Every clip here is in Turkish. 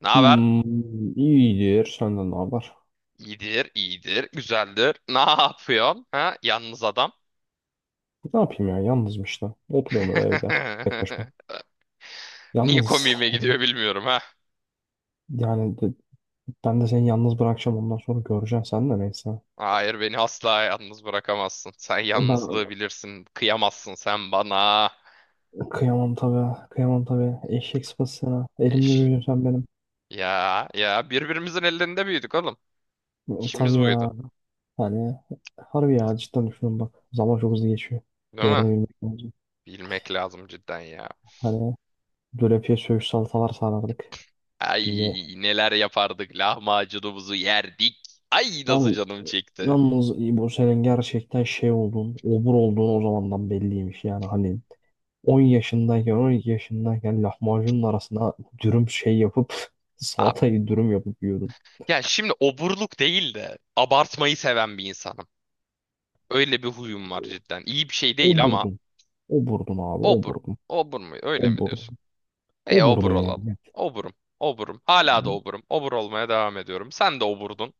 Ne haber? Hmm, iyidir. Senden ne haber? İyidir, iyidir, güzeldir. Ne yapıyorsun? Ha? Yalnız adam. Ne yapayım ya? Yalnızım işte. Oturuyorum öyle evde. Tek başıma. Niye Yalnız. komiğime gidiyor Yani, bilmiyorum ha. yani de- ben de seni yalnız bırakacağım. Ondan sonra göreceğim. Sen de neyse. Hayır, beni asla yalnız bırakamazsın. Sen Ben yalnızlığı bilirsin. Kıyamazsın sen bana. kıyamam tabii. Kıyamam tabii. Eşek sıpası sana. Elimde Eş. büyüdün sen benim. Ya ya birbirimizin ellerinde büyüdük oğlum. Tabii İşimiz buydu. ya. Hani harbi ya. Cidden düşünün bak. Zaman çok hızlı geçiyor. Değil Değerini mi? bilmek lazım. Bilmek lazım cidden ya. Hani dölepiye söğüş salatalar sarardık. Ay Şimdi neler yapardık. Lahmacunumuzu yerdik. Ay nasıl yalnız canım çekti. Yalnız İbo, senin gerçekten şey olduğun, obur olduğun o zamandan belliymiş, yani hani 10 yaşındayken, 12 yaşındayken, lahmacunun arasına dürüm şey yapıp salatayı dürüm yapıp yiyordun. Ya şimdi oburluk değil de abartmayı seven bir insanım. Öyle bir huyum var cidden. İyi bir şey değil ama Oburdun. Oburdun abi, obur. oburdun. Obur mu? Öyle mi diyorsun? Oburdun. E obur Oburdun olalım. yani. Oburum. Oburum. Hala da oburum. Obur olmaya devam ediyorum. Sen de oburdun.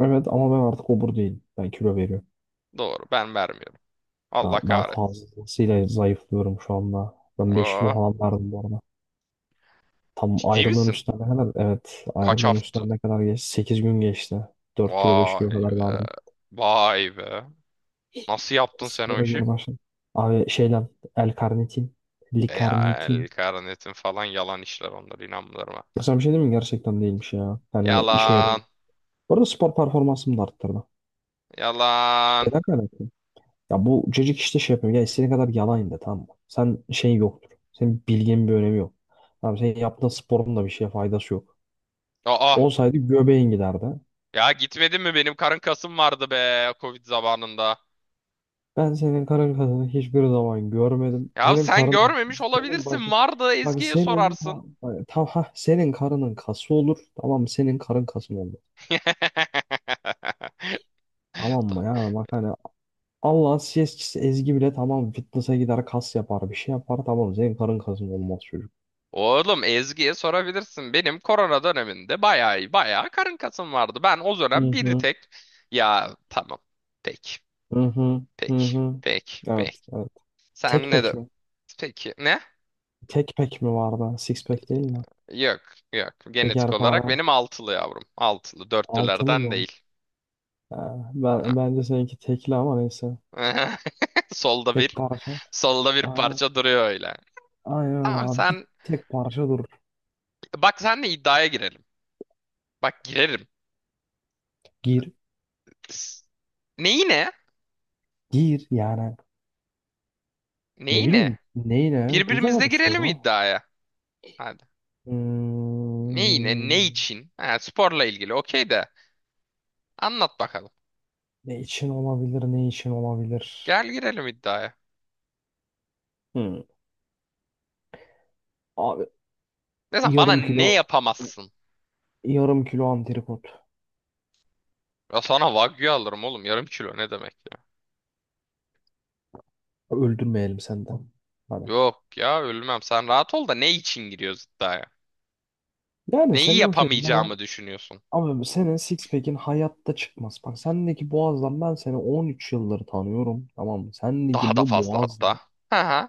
Evet, ama ben artık obur değilim. Ben kilo veriyorum. Doğru. Ben vermiyorum. Ben, Allah ben kahretsin. fazlasıyla zayıflıyorum şu anda. Ben 5 kilo Aa, falan verdim bu arada. Tam ciddi ayrılığın misin? üstüne ne kadar? Evet, Kaç ayrılığın hafta? üstüne ne kadar geçti? 8 gün geçti. 4 kilo, 5 kilo Vay kadar be. verdim. Vay be. Nasıl yaptın sen o Spora işi? geri başladım. Abi şeyden L-karnitin, E ya el L-karnitin. karnetin falan yalan işler onlar inanmıyorum ha. Ya, sana bir şey diyeyim mi? Gerçekten değilmiş ya. Hani işe yarıyor. Yalan. Bu arada spor performansımı da arttırdı. Yalan. Neden kaynaklı? Ya, bu cacık işte şey yapıyor. Ya istediğin kadar yalan in de, tamam mı? Sen, şey yoktur. Senin bilginin bir önemi yok. Tamam, senin yaptığın sporun da bir şeye faydası yok. Aa. Olsaydı göbeğin giderdi. Ya gitmedin mi? Benim karın kasım vardı be Covid zamanında. Ben senin karın kasını hiçbir zaman görmedim. Ya Senin sen karın, görmemiş senin bak, olabilirsin. Vardı, bak Ezgi'ye senin sorarsın. bak, tam ha, senin karının kası olur. Tamam mı? Senin karın kasın olur. Tamam mı ya? Bak hani Allah'ın CS'çisi Ezgi bile, tamam, fitness'a gider, kas yapar, bir şey yapar; tamam, senin karın kasın olmaz çocuk. Oğlum Ezgi'ye sorabilirsin. Benim korona döneminde bayağı bayağı karın kasım vardı. Ben o Hı dönem bir hı, tek ya tamam. Peki. hı hı, hı Peki. hı. Peki. Evet, Peki. evet. Sen Tek ne pek de mi? peki ne? Tek pek mi vardı? Six pack değil mi? Yok. Yok. Genetik olarak Şekerpare. benim altılı yavrum. Altılı. Altılı Dörtlülerden mı? değil. Ha, bence seninki tekli ama neyse. Solda Tek bir, parça. solda bir Aynen. parça duruyor öyle. Aynen öyle Tamam abi. Bir sen, tek parça dur. bak sen de iddiaya girelim. Bak girerim. Gir. Neyi ne? Gir yani. Ne Neyi bileyim. ne? Neyle? Güzel Birbirimizle bir girelim soru. iddiaya. Hadi. Neyi ne? Ne Hmm, için? Ha, sporla ilgili. Okey de. Anlat bakalım. ne için olabilir? Ne için olabilir? Gel girelim iddiaya. Hmm. Abi Mesela bana yarım ne kilo yapamazsın? yarım kilo antrikot. Ya sana wagyu alırım oğlum. Yarım kilo ne demek ya? Öldürmeyelim senden. Hadi. Yok ya ölmem. Sen rahat ol da ne için giriyoruz iddiaya? Yani Neyi senin o şekilde yapamayacağımı düşünüyorsun? ama senin six pack'in hayatta çıkmaz. Bak, sendeki boğazdan ben seni 13 yıldır tanıyorum. Tamam mı? Daha Sendeki da bu fazla boğazla hatta. Hı hı.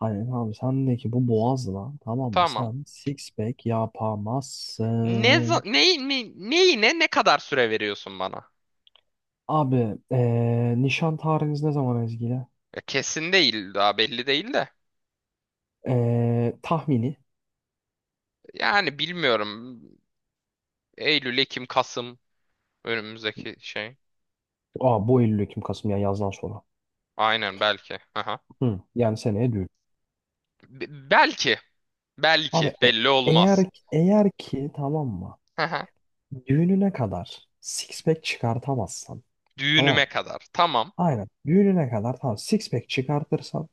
Aynen abi, sendeki bu boğazla, tamam mı, Tamam. sen six pack Ne, za- yapamazsın. neyi, ne, neyine ne kadar süre veriyorsun bana? Abi nişan tarihiniz ne zaman Ezgi'yle? Ya kesin değil, daha belli değil de. Tahmini. Yani bilmiyorum. Eylül, Ekim, Kasım önümüzdeki şey. Aa, bu Eylül, Ekim, Kasım, yani yazdan sonra. Aynen belki. Aha. Hı, yani seneye düğün. Belki. Belki. Abi Belli eğer olmaz. eğer ki, tamam mı, Aha. düğününe kadar six pack çıkartamazsan, tamam. Düğünüme kadar. Tamam. Aynen. Düğününe kadar, tamam, six pack çıkartırsan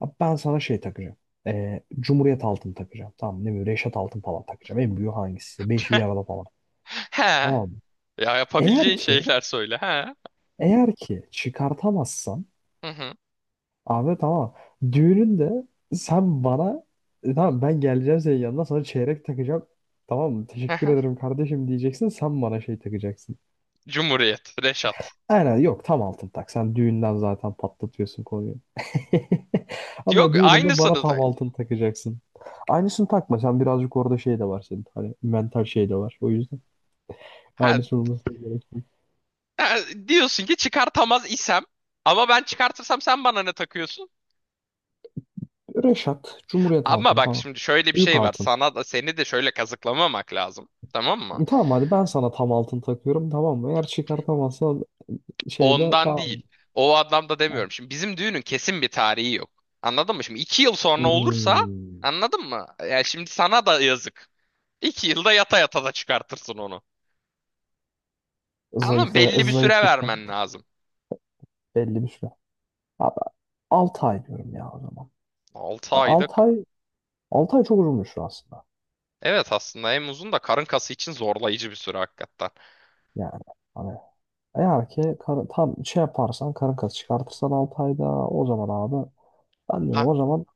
abi, ben sana şey takacağım. Cumhuriyet altın takacağım. Tamam, ne bileyim, Reşat altın falan takacağım. En büyüğü hangisi? Beşi bir arada falan. He. Tamam mı? Ya yapabileceğin Eğer ki şeyler söyle. He. eğer ki çıkartamazsan Hı hı. abi, tamam, düğününde sen bana tamam, ben geleceğim senin yanına, sana çeyrek takacağım. Tamam mı? Teşekkür Hı ederim kardeşim diyeceksin. Sen bana şey takacaksın. Cumhuriyet. Reşat. Aynen, yok, tam altın tak. Sen düğünden zaten patlatıyorsun konuyu. Ama Yok düğününde aynısını. bana tam da- altın takacaksın. Aynısını takma. Sen birazcık, orada şey de var senin. Hani mental şey de var. O yüzden Ha aynısı olmasına gerek yok. Ha, diyorsun ki çıkartamaz isem ama ben çıkartırsam sen bana ne takıyorsun? Reşat, Cumhuriyet Ama altını bak falan. şimdi şöyle bir Büyük şey var. altın. Sana da seni de şöyle kazıklamamak lazım. Tamam mı? Tamam, hadi ben sana tam altın takıyorum, tamam mı? Eğer çıkartamazsan, şeyde Ondan tamam. değil. O anlamda Ha. demiyorum. Şimdi bizim düğünün kesin bir tarihi yok. Anladın mı? Şimdi 2 yıl sonra olursa Hmm. anladın mı? Yani şimdi sana da yazık. 2 yılda yata yata da çıkartırsın onu. Ama belli bir süre Zayıflıktan vermen lazım. belli bir süre. Abi, 6 ay diyorum ya o zaman. 6 ayda 6 ka. ay, 6 ay çok uzun bir süre aslında. Evet aslında en uzun da karın kası için zorlayıcı bir süre hakikaten. Yani hani eğer ki tam şey yaparsan, karın kası çıkartırsan 6 ayda, o zaman abi, ben Ha, diyorum o zaman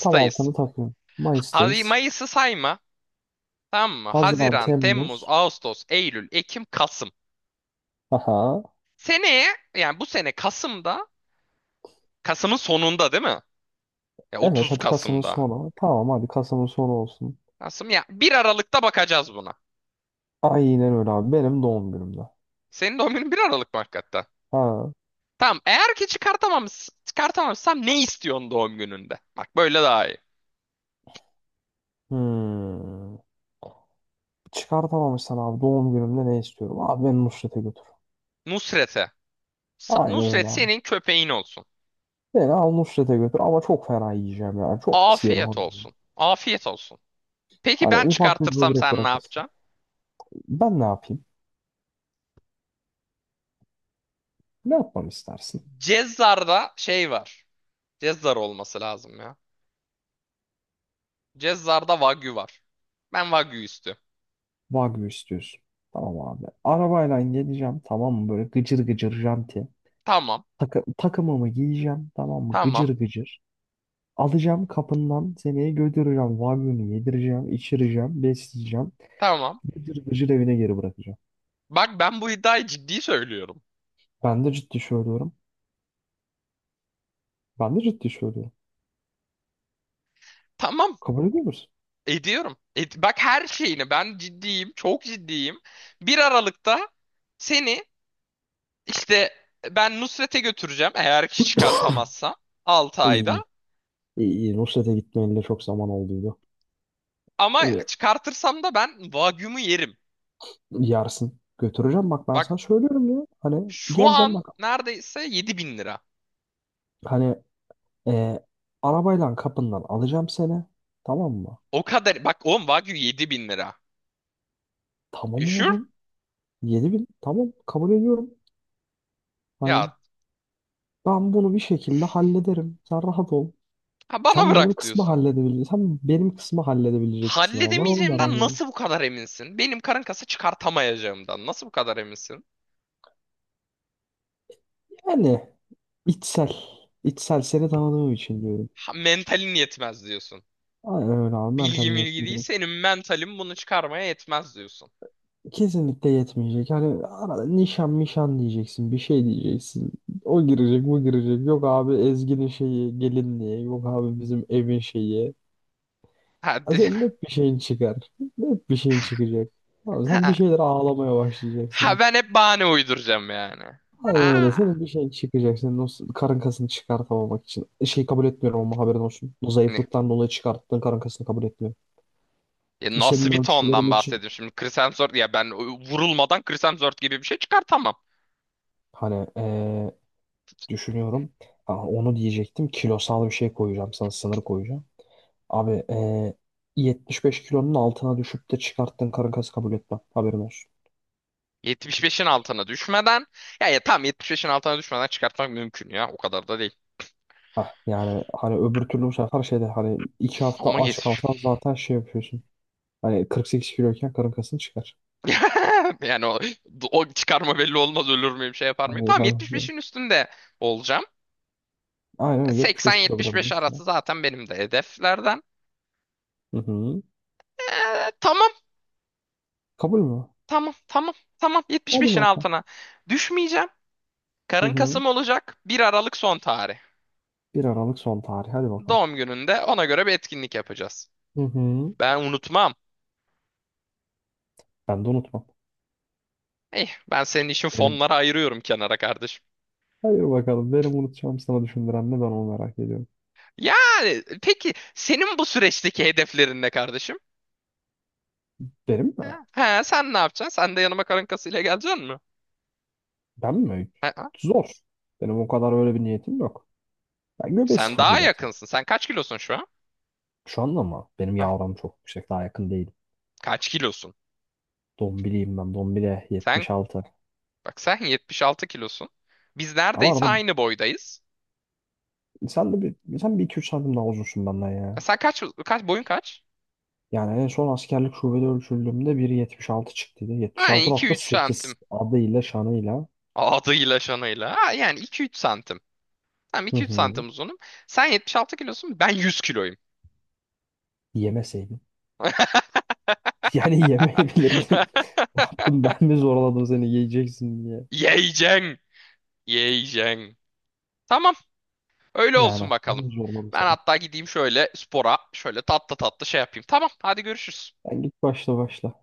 tam altını takıyorum. Hadi Mayıs'tayız. Mayıs'ı sayma. Tamam mı? Haziran, Haziran, Temmuz, Temmuz. Ağustos, Eylül, Ekim, Kasım. Aha. Seneye, yani bu sene Kasım'da, Kasım'ın sonunda değil mi? Ya Evet, 30 hadi Kasım'ın Kasım'da. sonu. Tamam, hadi Kasım'ın sonu olsun. Kasım, ya bir Aralık'ta bakacağız buna. Aynen öyle abi. Benim doğum günümde. Senin doğum günün bir Aralık mı hakikaten? Ha. Tamam eğer ki çıkartamamışsam ne istiyorsun doğum gününde? Bak böyle daha iyi. Hmm. Çıkartamamışsan abi, doğum günümde ne istiyorum? Abi, beni Nusret'e götür. Nusret'e. Aynen öyle Nusret abi. senin köpeğin olsun. Beni al, Nusret'e götür ama çok fena yiyeceğim yani. Çok pis yerim Afiyet abi. olsun. Afiyet olsun. Peki Hani ben ufak bir çıkartırsam böbrek sen ne bırakırsın. yapacaksın? Ben ne yapayım? Ne yapmam istersin? Cezzar'da şey var. Cezzar olması lazım ya. Cezzar'da Wagyu var. Ben Wagyu istiyorum. Wagyu istiyorsun. Tamam abi. Arabayla geleceğim, tamam mı? Böyle gıcır gıcır janti. Tamam. Takı takımımı giyeceğim, tamam mı? Gıcır Tamam. gıcır. Alacağım kapından, seni götüreceğim. Wagyu'nu yedireceğim, içireceğim, besleyeceğim. Tamam. Gıcır gıcır evine geri bırakacağım. Bak ben bu iddiayı ciddi söylüyorum. Ben de ciddi söylüyorum. Ben de ciddi söylüyorum. Tamam. Kabul ediyor musun? Ediyorum. Et, bak her şeyini ben ciddiyim. Çok ciddiyim. Bir Aralık'ta seni işte ben Nusret'e götüreceğim. Eğer ki çıkartamazsa 6 İyi. ayda. İyi, iyi. Nusret'e gitmeyeli çok zaman olduydu. Ama Ve çıkartırsam da ben Wagyu'mu yerim. yersin. Götüreceğim, bak ben Bak sana söylüyorum ya. Hani şu geleceğim an bak. neredeyse 7.000 lira. Hani Ee, arabayla kapından alacağım seni. Tamam mı? O kadar. Bak oğlum Wagyu 7.000 lira. You Tamam sure? oğlum. 7.000. Tamam, kabul ediyorum. Ya Hani ben bunu bir şekilde hallederim. Sen rahat ol. Ha bana Sen benim bırak kısmı diyorsun. halledebilecek. Sen benim kısmı halledebilecek misin, ama ben onu merak Halledemeyeceğimden ediyorum. nasıl bu kadar eminsin? Benim karın kası çıkartamayacağımdan nasıl bu kadar eminsin? Yani içsel. içsel, seni tanıdığım için diyorum. Ha, mentalin yetmez diyorsun. Aynen öyle abi, mental Bilgi bilgi değil, yetmeyecek. senin mentalin bunu çıkarmaya yetmez diyorsun. Kesinlikle yetmeyecek. Hani arada nişan mişan diyeceksin. Bir şey diyeceksin. O girecek, bu girecek. Yok abi, Ezgi'nin şeyi, gelinliği. Yok abi, bizim evin şeyi. Ha, Ya, senin hep bir şeyin çıkar. Hep bir şeyin çıkacak. Abi sen bir ha, şeyler ağlamaya ha, başlayacaksın. ben hep bahane uyduracağım yani. Aynen öyle. Ha. Senin bir şeyin çıkacak. Senin o karın kasını çıkartamamak için. Şey, kabul etmiyorum ama haberin olsun. O Ne? zayıflıktan dolayı çıkarttığın karın kasını kabul etmiyorum. Ya nasıl Senin bir ölçülerin tondan için bahsediyorum şimdi? Chris Hemsworth, ya ben vurulmadan Chris Hemsworth gibi bir şey çıkartamam. hani düşünüyorum. Ha, onu diyecektim. Kilosal bir şey koyacağım sana. Sınır koyacağım. Abi 75 kilonun altına düşüp de çıkarttığın karın kası kabul etmem. Haberin olsun. 75'in altına düşmeden, ya, ya tam 75'in altına düşmeden çıkartmak mümkün ya o kadar da değil. Yani hani öbür türlü bu sefer şeyde, hani 2 hafta Ama aç yetiş. kalsan zaten şey yapıyorsun. Hani 48 kiloyken karın kasın çıkar. Yani o, o çıkarma belli olmaz, ölür müyüm şey yapar mıyım? Hani, Tamam hani işte, 75'in üstünde olacağım. aynen öyle 75 kilogramın 80-75 üstünde. arası zaten benim de hedeflerden. Hı hı. Tamam Kabul mü? tamam tamam tamam Hadi 75'in bakalım. altına düşmeyeceğim. Hı Karın hı. Kasım olacak, 1 Aralık son tarih. 1 Aralık son tarih. Hadi bakalım. Doğum gününde ona göre bir etkinlik yapacağız. Hı hı. Ben unutmam. Ben de unutmam. Ben senin için Benim. fonları ayırıyorum kenara kardeşim. Hayır bakalım. Benim unutacağım sana düşündüren ne, ben onu merak ediyorum. Yani peki senin bu süreçteki hedeflerin ne kardeşim? Benim mi? Ha, sen ne yapacaksın? Sen de yanıma karın kasıyla geleceksin mi? Ben mi? Ha, ha. Zor. Benim o kadar öyle bir niyetim yok. Ben göbeği Sen daha sıfırlayacağım sadece. yakınsın. Sen kaç kilosun şu an? Şu anda ama benim Hah, yavrum çok yüksek. Daha yakın değil. kaç kilosun? Dombiliyim ben. Dombile Sen 76. bak, sen 76 kilosun. Biz Ama neredeyse arada aynı boydayız. sen de sen bir iki üç santim daha uzunsun benden E ya. sen kaç boyun kaç? Yani en son askerlik şubede ölçüldüğümde 1.76 çıktıydı. Aynen iki üç 76,8, santim. adıyla şanıyla. Adıyla şanıyla. Ha, yani iki üç santim. Tamam Hı iki üç hı. santim uzunum. Sen 76 kilosun. Ben 100 kiloyum. Yemeseydin. Yani yemeyebilirdin. Ne yaptım, ben mi zorladım seni yiyeceksin diye? Yiyeceksin. Yiyeceksin. Tamam. Öyle olsun Yani ben bakalım. mi zorladım Ben sana? hatta gideyim şöyle spora. Şöyle tatlı tatlı şey yapayım. Tamam. Hadi görüşürüz. Ben, git, başla başla.